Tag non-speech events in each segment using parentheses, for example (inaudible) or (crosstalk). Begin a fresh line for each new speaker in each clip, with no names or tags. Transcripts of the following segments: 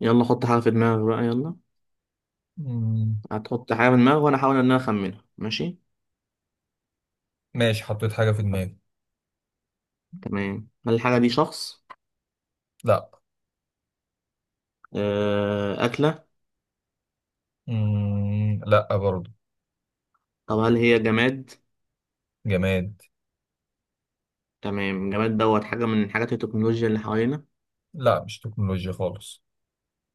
يلا حط حاجة في دماغك بقى يلا.
مم.
هتحط حاجة في دماغك وأنا أحاول إن أنا أخمنها ماشي.
ماشي، حطيت حاجة في دماغي.
تمام، هل الحاجة دي شخص؟
لا.
آه، أكلة؟
مم. لا برضو.
طب هل هي جماد؟
جماد.
تمام، جماد دوت حاجة من حاجات التكنولوجيا اللي حوالينا.
لا، مش تكنولوجيا خالص.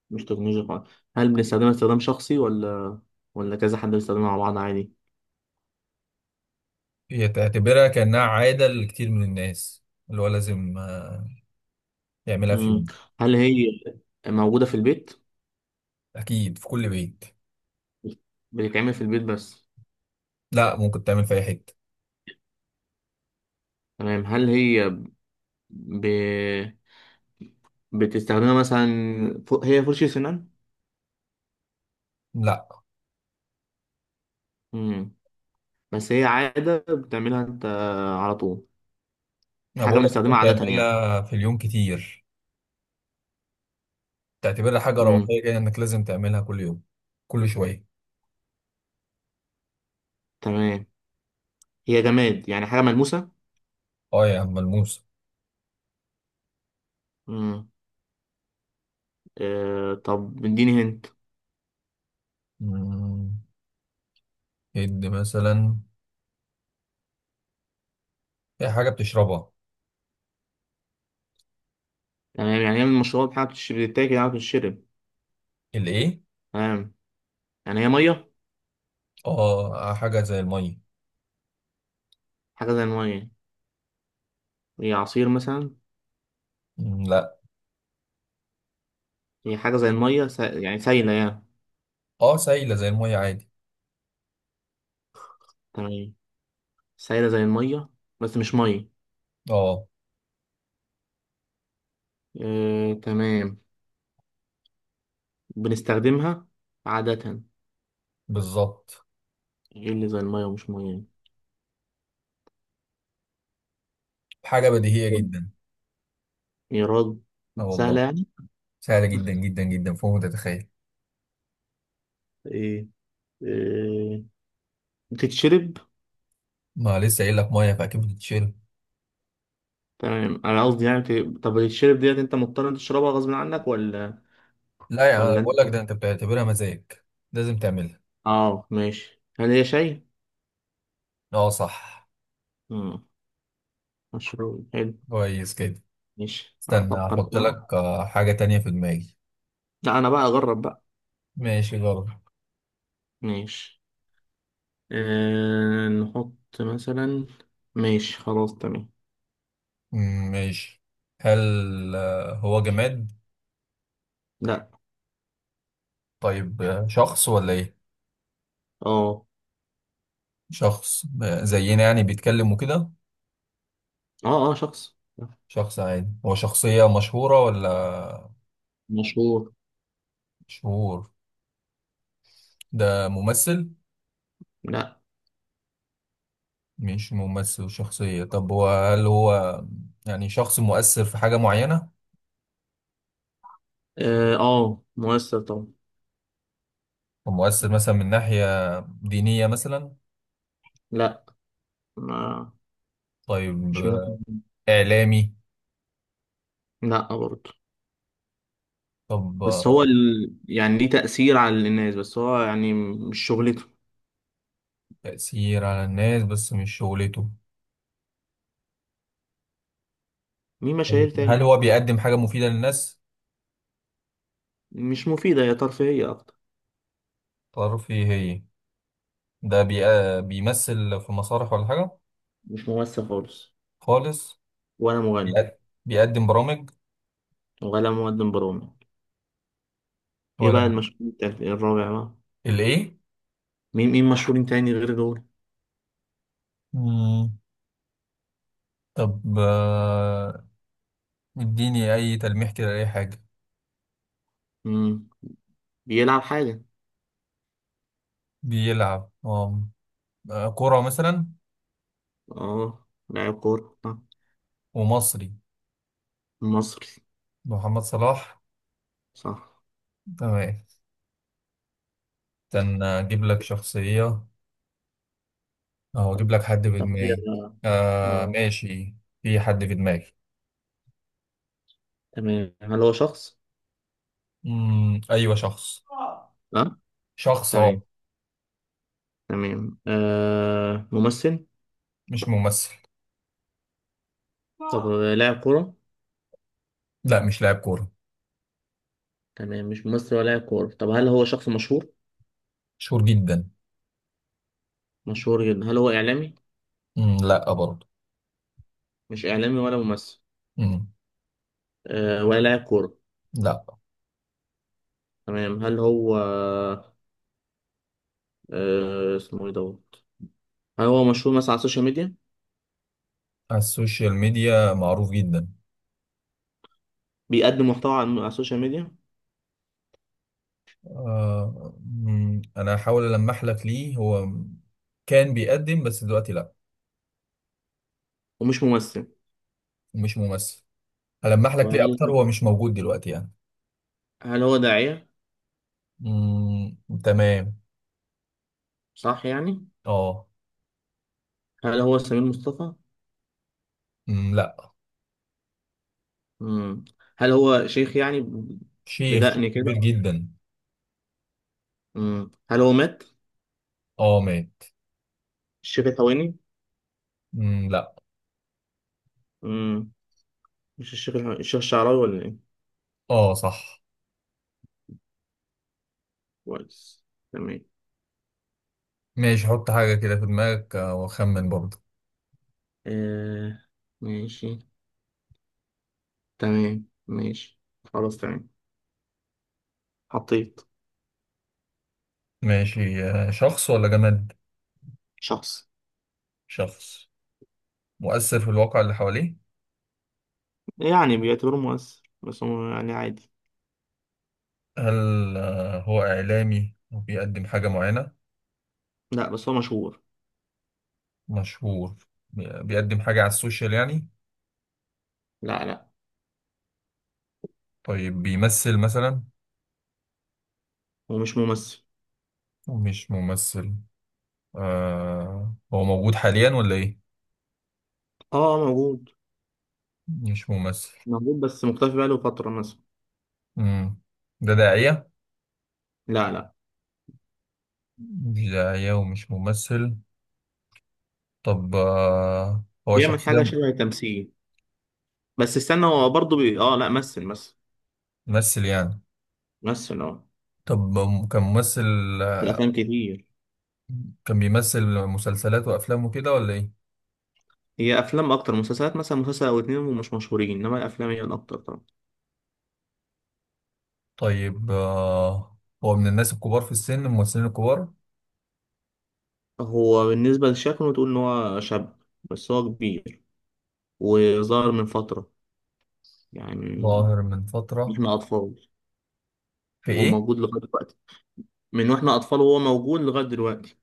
مش تكنولوجيا خالص. هل بنستخدمها استخدام شخصي ولا كذا حد بيستخدمها مع بعض عادي؟
هي تعتبرها كأنها عادة لكتير من الناس، اللي هو لازم يعملها في
مم.
يوم.
هل هي موجودة في البيت؟
أكيد في كل بيت.
بتتعمل في البيت بس.
لا، ممكن تعمل في أي حتة.
تمام، ب... بتستخدمها مثلا. هي فرشة سنان؟
لا،
مم. بس هي عادة بتعملها انت على طول.
أنا
حاجة
بقول لك
بنستخدمها
ممكن
عادة يعني.
تعملها في اليوم كتير. تعتبرها حاجة
امم
روحية كده، إنك لازم تعملها كل يوم، كل شوية.
تمام، هي جماد يعني حاجة ملموسة.
أه يا عم، ملموسة.
امم آه، طب اديني هنت.
مم. إد مثلا، هي حاجة بتشربها.
تمام، يعني هي من المشروبات؟ حاجة بتشرب بتتاكل؟ حاجة بتشرب.
الإيه؟
تمام، يعني هي مية.
اه، حاجة زي المية.
حاجة زي المية. هي عصير مثلا؟
مم، لا.
هي حاجة زي المية يعني سايلة يعني.
اه، سايلة زي المية عادي.
تمام، سايلة زي المية بس مش مية.
اه.
آه، تمام. بنستخدمها عادة.
بالظبط.
ايه اللي زي المية ومش مية يعني؟
حاجة بديهية جدا.
يا راجل.
اه والله.
سهلة يعني.
سهلة جدا جدا جدا، فوق ما تتخيل.
ايه، آه، بتتشرب.
ما لسه قايل لك مية، فأكيد بتتشرب.
تمام، انا قصدي يعني طب بتتشرب ديت انت مضطر إنت تشربها غصب عنك ولا
لا يا عم، أنا
ولا انت.
بقول لك ده أنت بتعتبرها مزاج. لازم تعملها.
اه، ماشي، هل هي شاي؟
اه صح.
امم، مشروب حلو.
كويس كده.
ماشي،
استنى،
افكر
هحط
كمان.
لك حاجة تانية في دماغي.
لا، انا بقى اجرب بقى.
ماشي، جرب.
ماشي، آه، نحط مثلا. ماشي، خلاص تمام.
مم، ماشي. هل هو جماد؟
لا.
طيب شخص ولا ايه؟
اه.
شخص. زينا يعني، بيتكلم وكده؟
اه. اه، شخص
شخص عادي؟ هو شخصية مشهورة ولا؟
مشهور.
مشهور. ده ممثل؟
لا.
مش ممثل وشخصية. طب هو، هل هو يعني شخص مؤثر في حاجة معينة؟
اه، مؤثر طبعا.
هو مؤثر مثلا من ناحية دينية مثلا؟
لا. ما
طيب
مش من.
إعلامي؟
لا برضه.
طب
بس هو يعني ليه تأثير على الناس بس هو يعني مش شغلته.
تأثير على الناس بس مش شغلته.
مين مشاهير
هل
تاني؟
هو بيقدم حاجة مفيدة للناس؟
مش مفيدة، هي ترفيهية أكتر.
تعرفي هي. ده بيمثل في مسارح ولا حاجة؟
مش ممثل خالص.
خالص.
ولا مغني
بيقد- بيقدم برامج
ولا مقدم برامج. إيه
ولا؟
بقى المشهور التالت؟ إيه الرابع بقى؟
الإيه؟
مين مشهورين تاني غير دول؟
مم. طب اديني اي تلميح كده، اي حاجه.
مم. بيلعب حاجة.
بيلعب، اه، كرة مثلا؟
اه، لاعب كورة آه.
ومصري.
مصري.
محمد صلاح.
صح.
تمام. استنى، اجيب لك شخصيه او اجيب لك حد في
طب
دماغي.
يلا.
آه،
اه،
ماشي. في حد في دماغي.
تمام، هل هو شخص؟
مم. ايوه، شخص.
اه.
شخص، اه.
تمام، تمام، آه، ممثل؟
مش ممثل.
طب لاعب كورة؟
لا، مش لاعب كوره.
تمام، مش ممثل ولا لاعب كورة. طب هل هو شخص مشهور؟
مشهور جدا.
مشهور جدا. هل هو إعلامي؟
مم. لا برضه.
مش إعلامي ولا ممثل.
مم.
أه، ولا لاعب كورة.
لا.
تمام، هل هو، أه، اسمه إيه دوت؟ هل هو مشهور مثلا على السوشيال ميديا؟
على السوشيال ميديا معروف جدا.
بيقدم محتوى على على السوشيال ميديا.
انا هحاول ألمح لك ليه. هو كان بيقدم بس دلوقتي لا.
ومش ممثل.
مش ممثل. هلمح لك ليه
وهل،
اكتر، هو مش موجود دلوقتي يعني.
هل هو داعية؟
مم، تمام.
صح يعني؟
اه.
هل هو سمير مصطفى؟
مم، لا.
مم. هل هو شيخ يعني
شيخ، شيخ
بدقن
كبير
كده؟
جدا.
هل هو مات؟
اه، مات.
الشيخ الحويني؟
مم، لا.
مم. مش الشيخ الحويني، الشيخ الشعراوي ولا إيه؟
اه صح.
كويس. تمام،
ماشي، حط حاجة كده في دماغك واخمن برضه.
آه، ماشي. تمام، ماشي، خلاص تمام. حطيت.
ماشي. شخص ولا جماد؟
شخص
شخص. مؤثر في الواقع اللي حواليه؟
يعني بيعتبروه مؤثر بس هو يعني عادي.
هل هو إعلامي وبيقدم حاجة معينة؟
لا بس هو مشهور.
مشهور. بيقدم حاجة على السوشيال يعني؟
لا لا،
طيب بيمثل مثلا؟
هو مش ممثل.
مش ممثل. هو موجود حاليا ولا ايه؟
اه، آه، موجود.
مش ممثل.
موجود بس مختفي بقاله فترة مثلا.
مم. ده داعية؟
لا لا،
مش داعية ومش ممثل. طب هو
بيعمل
شخصية،
حاجة شبه التمثيل. بس استنى، هو برضه اه لا، مثل
ممثل يعني؟
مثل اه.
طب كان ممثل؟
في الأفلام كتير.
كان بيمثل مسلسلات وأفلام وكده ولا ايه؟
هي أفلام أكتر، مسلسلات مثلا مسلسل أو اتنين ومش مشهورين، إنما الأفلام هي الأكتر طبعا.
طيب هو من الناس الكبار في السن، الممثلين الكبار؟
هو بالنسبة لشكله تقول إن هو شاب بس هو كبير. وظهر من فترة يعني،
ظاهر من
من
فترة.
إحنا أطفال
في
وهو
ايه؟
موجود لغاية دلوقتي. من وإحنا أطفال وهو موجود لغاية دلوقتي.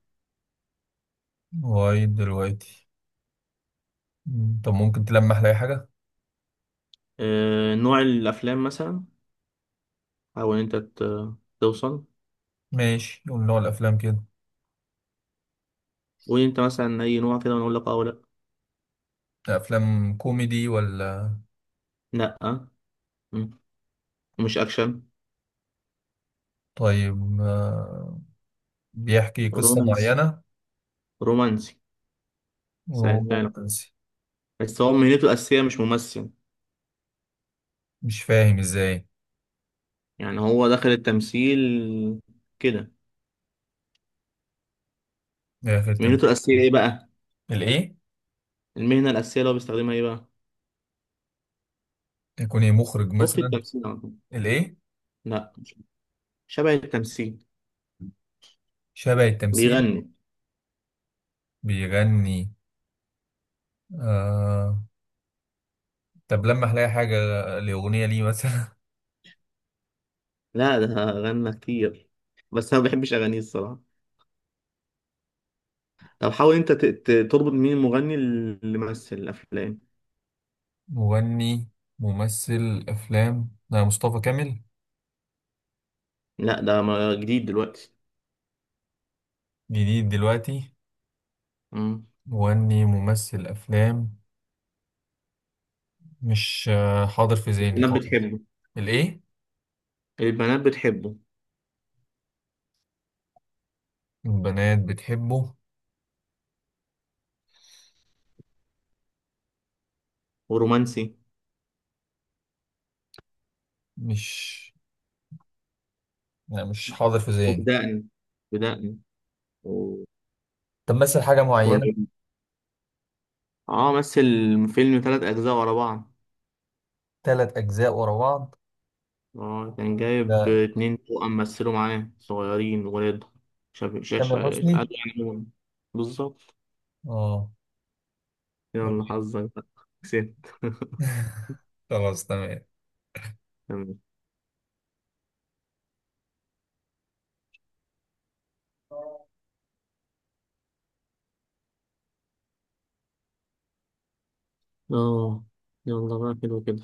لغاية دلوقتي. مم. طب ممكن تلمح لي أي حاجة؟
آه، نوع الأفلام مثلا. حاول أنت توصل.
ماشي، قول نوع الأفلام كده.
قول أنت مثلا أي نوع كده وأنا أقول لك أه ولا.
أفلام كوميدي ولا؟
لأ لأ. مم. مش أكشن.
طيب بيحكي قصة
رومانس،
معينة؟
رومانسي. سهلتها.
رومانسي؟
بس هو مهنته الأساسية مش ممثل.
مش فاهم إزاي.
يعني هو دخل التمثيل كده.
إيه آخر
مهنته
تمثيل؟
الأساسية إيه بقى؟
الإيه؟
المهنة الأساسية اللي هو بيستخدمها إيه بقى؟
يكون إيه، مخرج
أخت
مثلا؟
التمثيل على طول.
الإيه؟
لأ مش- شبه التمثيل.
شبه التمثيل؟
بيغني.
بيغني؟ آه... طب لمح لي أي حاجة، لأغنية ليه مثلا.
لا ده غنى كتير بس انا ما بحبش اغانيه الصراحه. طب حاول انت تربط مين المغني اللي مثل الافلام.
(laughs) مغني ممثل أفلام؟ لا، مصطفى كامل؟
لا ده جديد دلوقتي.
جديد دلوقتي.
مم.
مغني ممثل أفلام، مش حاضر في ذهني
البنات
خالص.
بتحبه.
الايه؟
البنات بتحبه
البنات بتحبه.
ورومانسي.
مش لا، مش حاضر في ذهني.
وبدقني، بدقني، وبليغ.
طب مثل حاجة معينة؟
اه، مثل فيلم ثلاث اجزاء ورا بعض.
ثلاث أجزاء ورا بعض؟
اه كان جايب
ده
اتنين توأم مثلوا معاه صغيرين ولاد شاب شا شا
تامر
قالوا
حسني.
يعني بالظبط.
اه.
يلا
(laughs)
حظك بقى. كسبت (laughs)
خلاص، تمام.
تمام. اه، يلا بقى، حلو كده.